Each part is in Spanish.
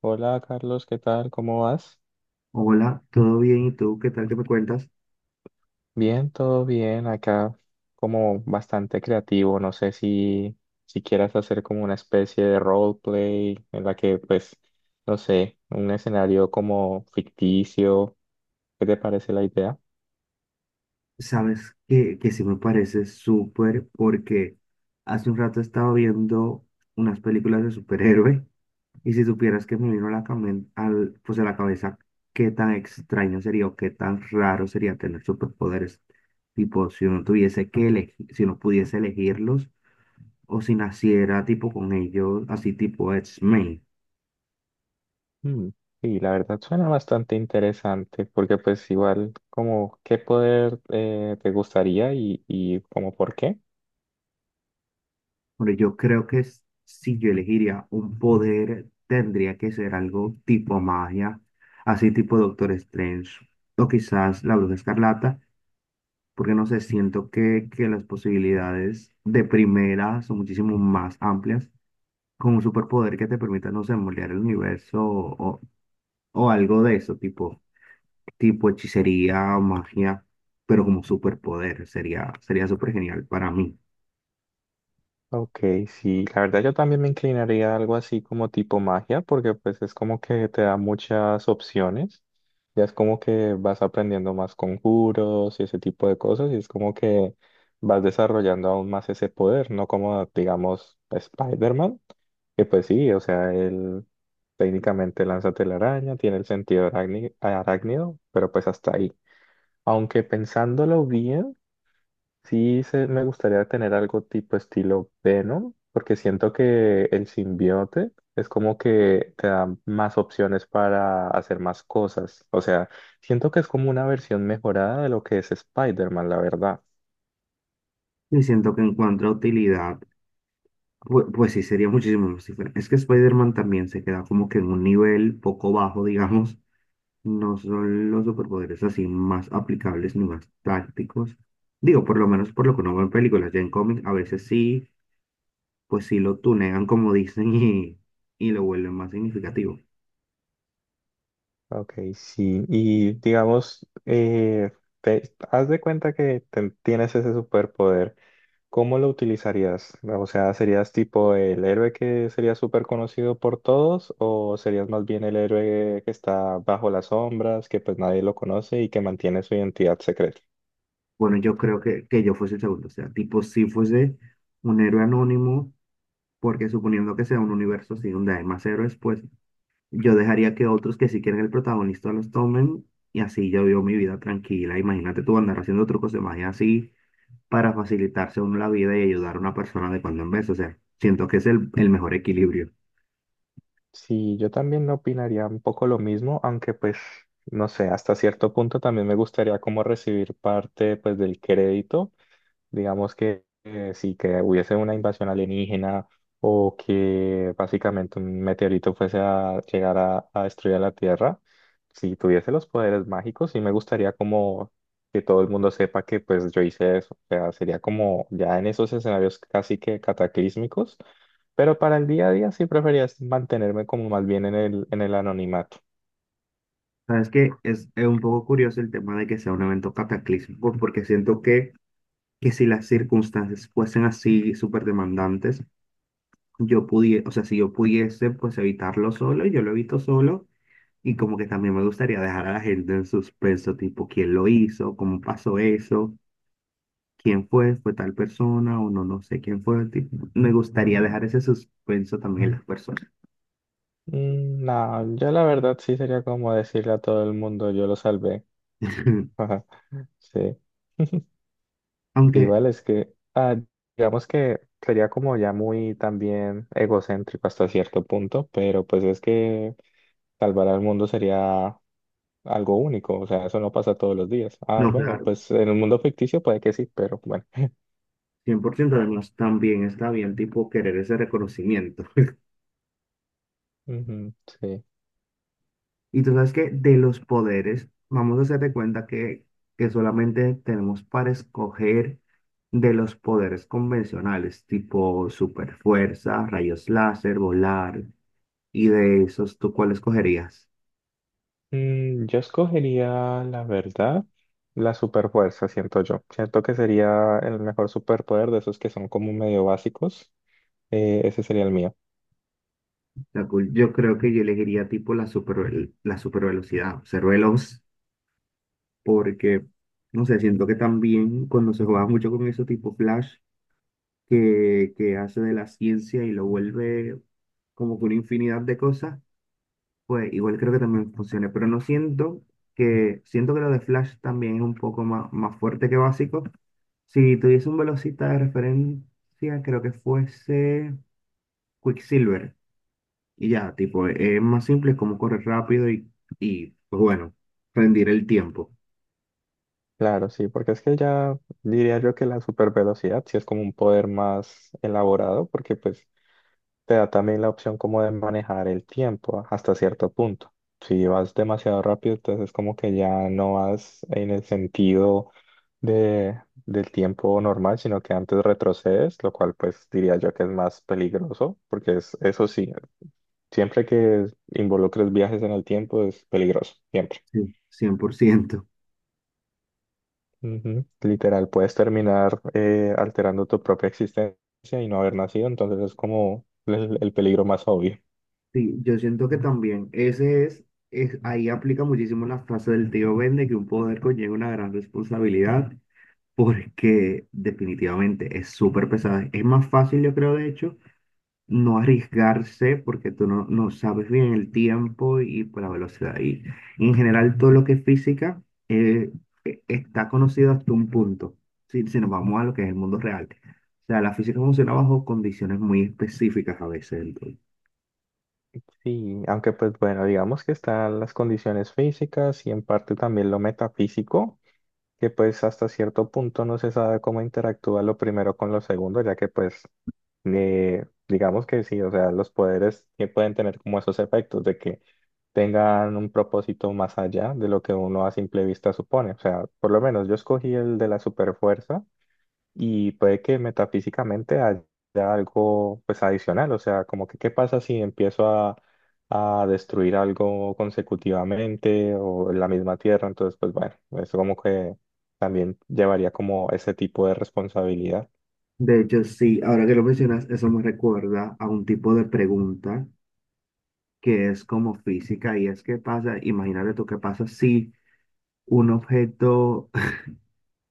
Hola Carlos, ¿qué tal? ¿Cómo vas? Hola, ¿todo bien? ¿Y tú qué tal que me cuentas? Bien, todo bien. Acá como bastante creativo. No sé si quieras hacer como una especie de roleplay en la que pues, no sé, un escenario como ficticio. ¿Qué te parece la idea? Sabes que sí me parece súper porque hace un rato estaba viendo unas películas de superhéroe y si supieras que me vino a la, camen- al, pues a la cabeza, qué tan extraño sería o qué tan raro sería tener superpoderes. Tipo, si uno tuviese que elegir, si uno pudiese elegirlos o si naciera tipo con ellos, así tipo x. Mm, sí, la verdad suena bastante interesante porque pues igual como qué poder te gustaría y como por qué. Bueno, yo creo que si yo elegiría un poder, tendría que ser algo tipo magia, así tipo Doctor Strange, o quizás la Bruja Escarlata, porque no sé, siento que las posibilidades de primera son muchísimo más amplias, con un superpoder que te permita, no sé, moldear el universo o algo de eso, tipo hechicería, magia, pero como superpoder, sería súper genial para mí. Ok, sí, la verdad yo también me inclinaría a algo así como tipo magia, porque pues es como que te da muchas opciones, ya es como que vas aprendiendo más conjuros y ese tipo de cosas, y es como que vas desarrollando aún más ese poder, no como digamos Spider-Man, que pues sí, o sea, él técnicamente lanza telaraña, tiene el sentido arácnido, pero pues hasta ahí. Aunque pensándolo bien, sí, me gustaría tener algo tipo estilo Venom, porque siento que el simbionte es como que te da más opciones para hacer más cosas. O sea, siento que es como una versión mejorada de lo que es Spider-Man, la verdad. Y siento que encuentra utilidad. Pues sí, sería muchísimo más diferente. Es que Spider-Man también se queda como que en un nivel poco bajo, digamos. No son los superpoderes así más aplicables ni más tácticos. Digo, por lo menos por lo que uno ve en películas, ya en cómics, a veces sí, pues sí lo tunean como dicen, y lo vuelven más significativo. Ok, sí. Y digamos, te, haz de cuenta que tienes ese superpoder. ¿Cómo lo utilizarías? O sea, ¿serías tipo el héroe que sería súper conocido por todos o serías más bien el héroe que está bajo las sombras, que pues nadie lo conoce y que mantiene su identidad secreta? Bueno, yo creo que yo fuese el segundo. O sea, tipo, si fuese un héroe anónimo, porque suponiendo que sea un universo así donde hay más héroes, pues yo dejaría que otros, que sí quieren el protagonista, los tomen, y así yo vivo mi vida tranquila. Imagínate tú andar haciendo trucos de magia así para facilitarse uno la vida y ayudar a una persona de cuando en vez. O sea, siento que es el mejor equilibrio. Sí, yo también opinaría un poco lo mismo, aunque pues, no sé, hasta cierto punto también me gustaría como recibir parte pues del crédito. Digamos que sí, que hubiese una invasión alienígena o que básicamente un meteorito fuese a llegar a destruir la Tierra, si tuviese los poderes mágicos, sí me gustaría como que todo el mundo sepa que pues yo hice eso. O sea, sería como ya en esos escenarios casi que cataclísmicos, pero para el día a día sí preferiría mantenerme como más bien en el anonimato. Sabes que es, un poco curioso el tema de que sea un evento cataclísmico, porque siento que si las circunstancias fuesen así súper demandantes, yo pudiese, o sea, si yo pudiese pues evitarlo solo, yo lo evito solo. Y como que también me gustaría dejar a la gente en suspenso, tipo, ¿quién lo hizo? ¿Cómo pasó eso? ¿Quién fue? ¿Fue tal persona? O no, no sé quién fue. Tipo, me gustaría dejar ese suspenso también en las personas. Mm, no, yo la verdad sí sería como decirle a todo el mundo, yo lo salvé. Sí. Aunque, Igual es que, ah, digamos que sería como ya muy también egocéntrico hasta cierto punto, pero pues es que salvar al mundo sería algo único, o sea, eso no pasa todos los días. Ah, no, bueno, claro, pues en un mundo ficticio puede que sí, pero bueno. 100%. Además también está bien, tipo, querer ese reconocimiento. Ujú, sí. Y tú sabes que de los poderes, vamos a hacer de cuenta que solamente tenemos para escoger de los poderes convencionales, tipo super fuerza, rayos láser, volar. Y de esos, ¿tú cuál escogerías? Mm, yo escogería, la verdad, la superfuerza, siento yo. Siento que sería el mejor superpoder de esos que son como medio básicos. Ese sería el mío. Yo creo que yo elegiría tipo la super velocidad, ser veloz, porque, no sé, siento que también cuando se juega mucho con eso tipo Flash, que hace de la ciencia y lo vuelve como que una infinidad de cosas, pues igual creo que también funciona, pero no siento que, siento que lo de Flash también es un poco más fuerte que básico. Si tuviese un velocista de referencia, creo que fuese Quicksilver. Y ya, tipo, es más simple, es como correr rápido y, pues bueno, rendir el tiempo. Claro, sí, porque es que ya diría yo que la supervelocidad sí es como un poder más elaborado, porque pues te da también la opción como de manejar el tiempo hasta cierto punto. Si vas demasiado rápido, entonces como que ya no vas en el sentido de, del tiempo normal, sino que antes retrocedes, lo cual pues diría yo que es más peligroso, porque es, eso sí, siempre que involucres viajes en el tiempo es peligroso, siempre. Sí, 100%. Ujú. Literal, puedes terminar alterando tu propia existencia y no haber nacido, entonces es como el peligro más obvio. Sí, yo siento que también ese es, ahí aplica muchísimo la frase del tío Ben de que un poder conlleva una gran responsabilidad, porque definitivamente es súper pesada. Es más fácil, yo creo, de hecho, no arriesgarse porque tú no, no sabes bien el tiempo y pues, la velocidad. Y en general todo lo que es física, eh, está conocido hasta un punto, si nos vamos a lo que es el mundo real. O sea, la física funciona bajo condiciones muy específicas a veces. Entonces. Sí, aunque pues bueno, digamos que están las condiciones físicas y en parte también lo metafísico, que pues hasta cierto punto no se sabe cómo interactúa lo primero con lo segundo, ya que pues digamos que sí, o sea, los poderes que pueden tener como esos efectos de que tengan un propósito más allá de lo que uno a simple vista supone. O sea, por lo menos yo escogí el de la superfuerza y puede que metafísicamente haya algo pues adicional, o sea, como que qué pasa si empiezo a destruir algo consecutivamente o en la misma tierra, entonces pues bueno, eso como que también llevaría como ese tipo de responsabilidad. De hecho, sí, ahora que lo mencionas, eso me recuerda a un tipo de pregunta que es como física, y es qué pasa, imagínate tú, qué pasa si un objeto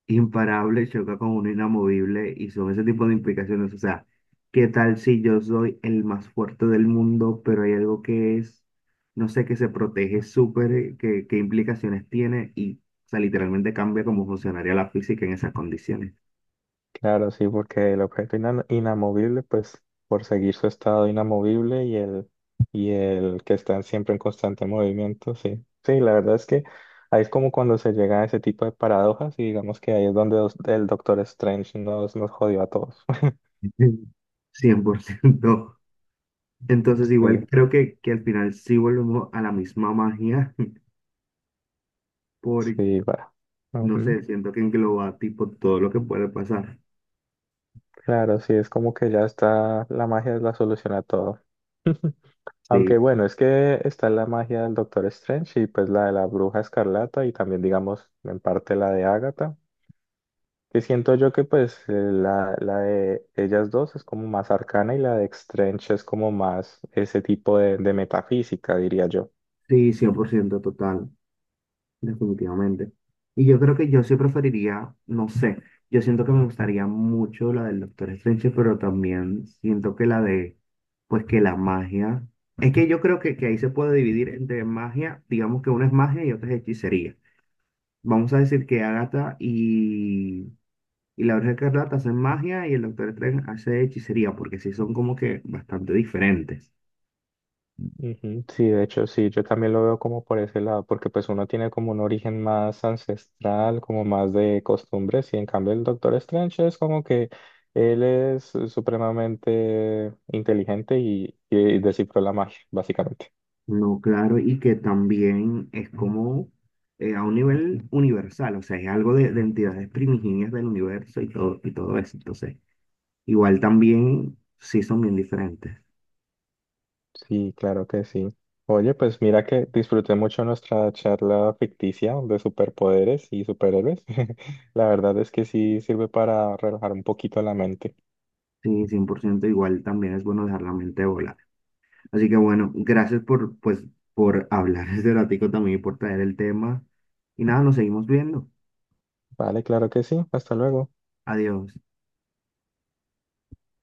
imparable choca con uno inamovible, y son ese tipo de implicaciones. O sea, ¿qué tal si yo soy el más fuerte del mundo, pero hay algo que es, no sé, que se protege súper, qué, implicaciones tiene? Y, o sea, literalmente cambia cómo funcionaría la física en esas condiciones. Claro, sí, porque el objeto inamovible, pues por seguir su estado inamovible y el que están siempre en constante movimiento, sí. Sí, la verdad es que ahí es como cuando se llega a ese tipo de paradojas y digamos que ahí es donde el Doctor Strange nos jodió a todos. 100%. Entonces, igual Sí, creo que al final sí volvemos a la misma magia, por sí, va. no Ujú. sé, siento que engloba tipo todo lo que puede pasar. Claro, sí, es como que ya está, la magia es la solución a todo. Sí, Aunque bueno, es que está la magia del Doctor Strange y pues la de la Bruja Escarlata y también digamos en parte la de Agatha. Que siento yo que pues la de ellas dos es como más arcana y la de Strange es como más ese tipo de metafísica, diría yo. sí, 100% total. Definitivamente. Y yo creo que yo sí preferiría, no sé, yo siento que me gustaría mucho la del Doctor Strange, pero también siento que la de, pues que la magia, es que yo creo que ahí se puede dividir entre magia, digamos que una es magia y otra es hechicería. Vamos a decir que Agatha y la Bruja Escarlata hacen magia y el Doctor Strange hace hechicería, porque sí son como que bastante diferentes. Ujú, sí, de hecho, sí, yo también lo veo como por ese lado, porque pues uno tiene como un origen más ancestral, como más de costumbres, y en cambio el Doctor Strange es como que él es supremamente inteligente y descifró la magia, básicamente. No, claro, y que también es como, a un nivel universal, o sea, es algo de entidades primigenias del universo y todo eso. Entonces, igual también sí son bien diferentes. Sí, claro que sí. Oye, pues mira que disfruté mucho nuestra charla ficticia de superpoderes y superhéroes. La verdad es que sí sirve para relajar un poquito la mente. Sí, 100%. Igual también es bueno dejar la mente volar. Así que bueno, gracias por, pues, por hablar este ratico también y por traer el tema. Y nada, nos seguimos viendo. Vale, claro que sí. Hasta luego. Adiós.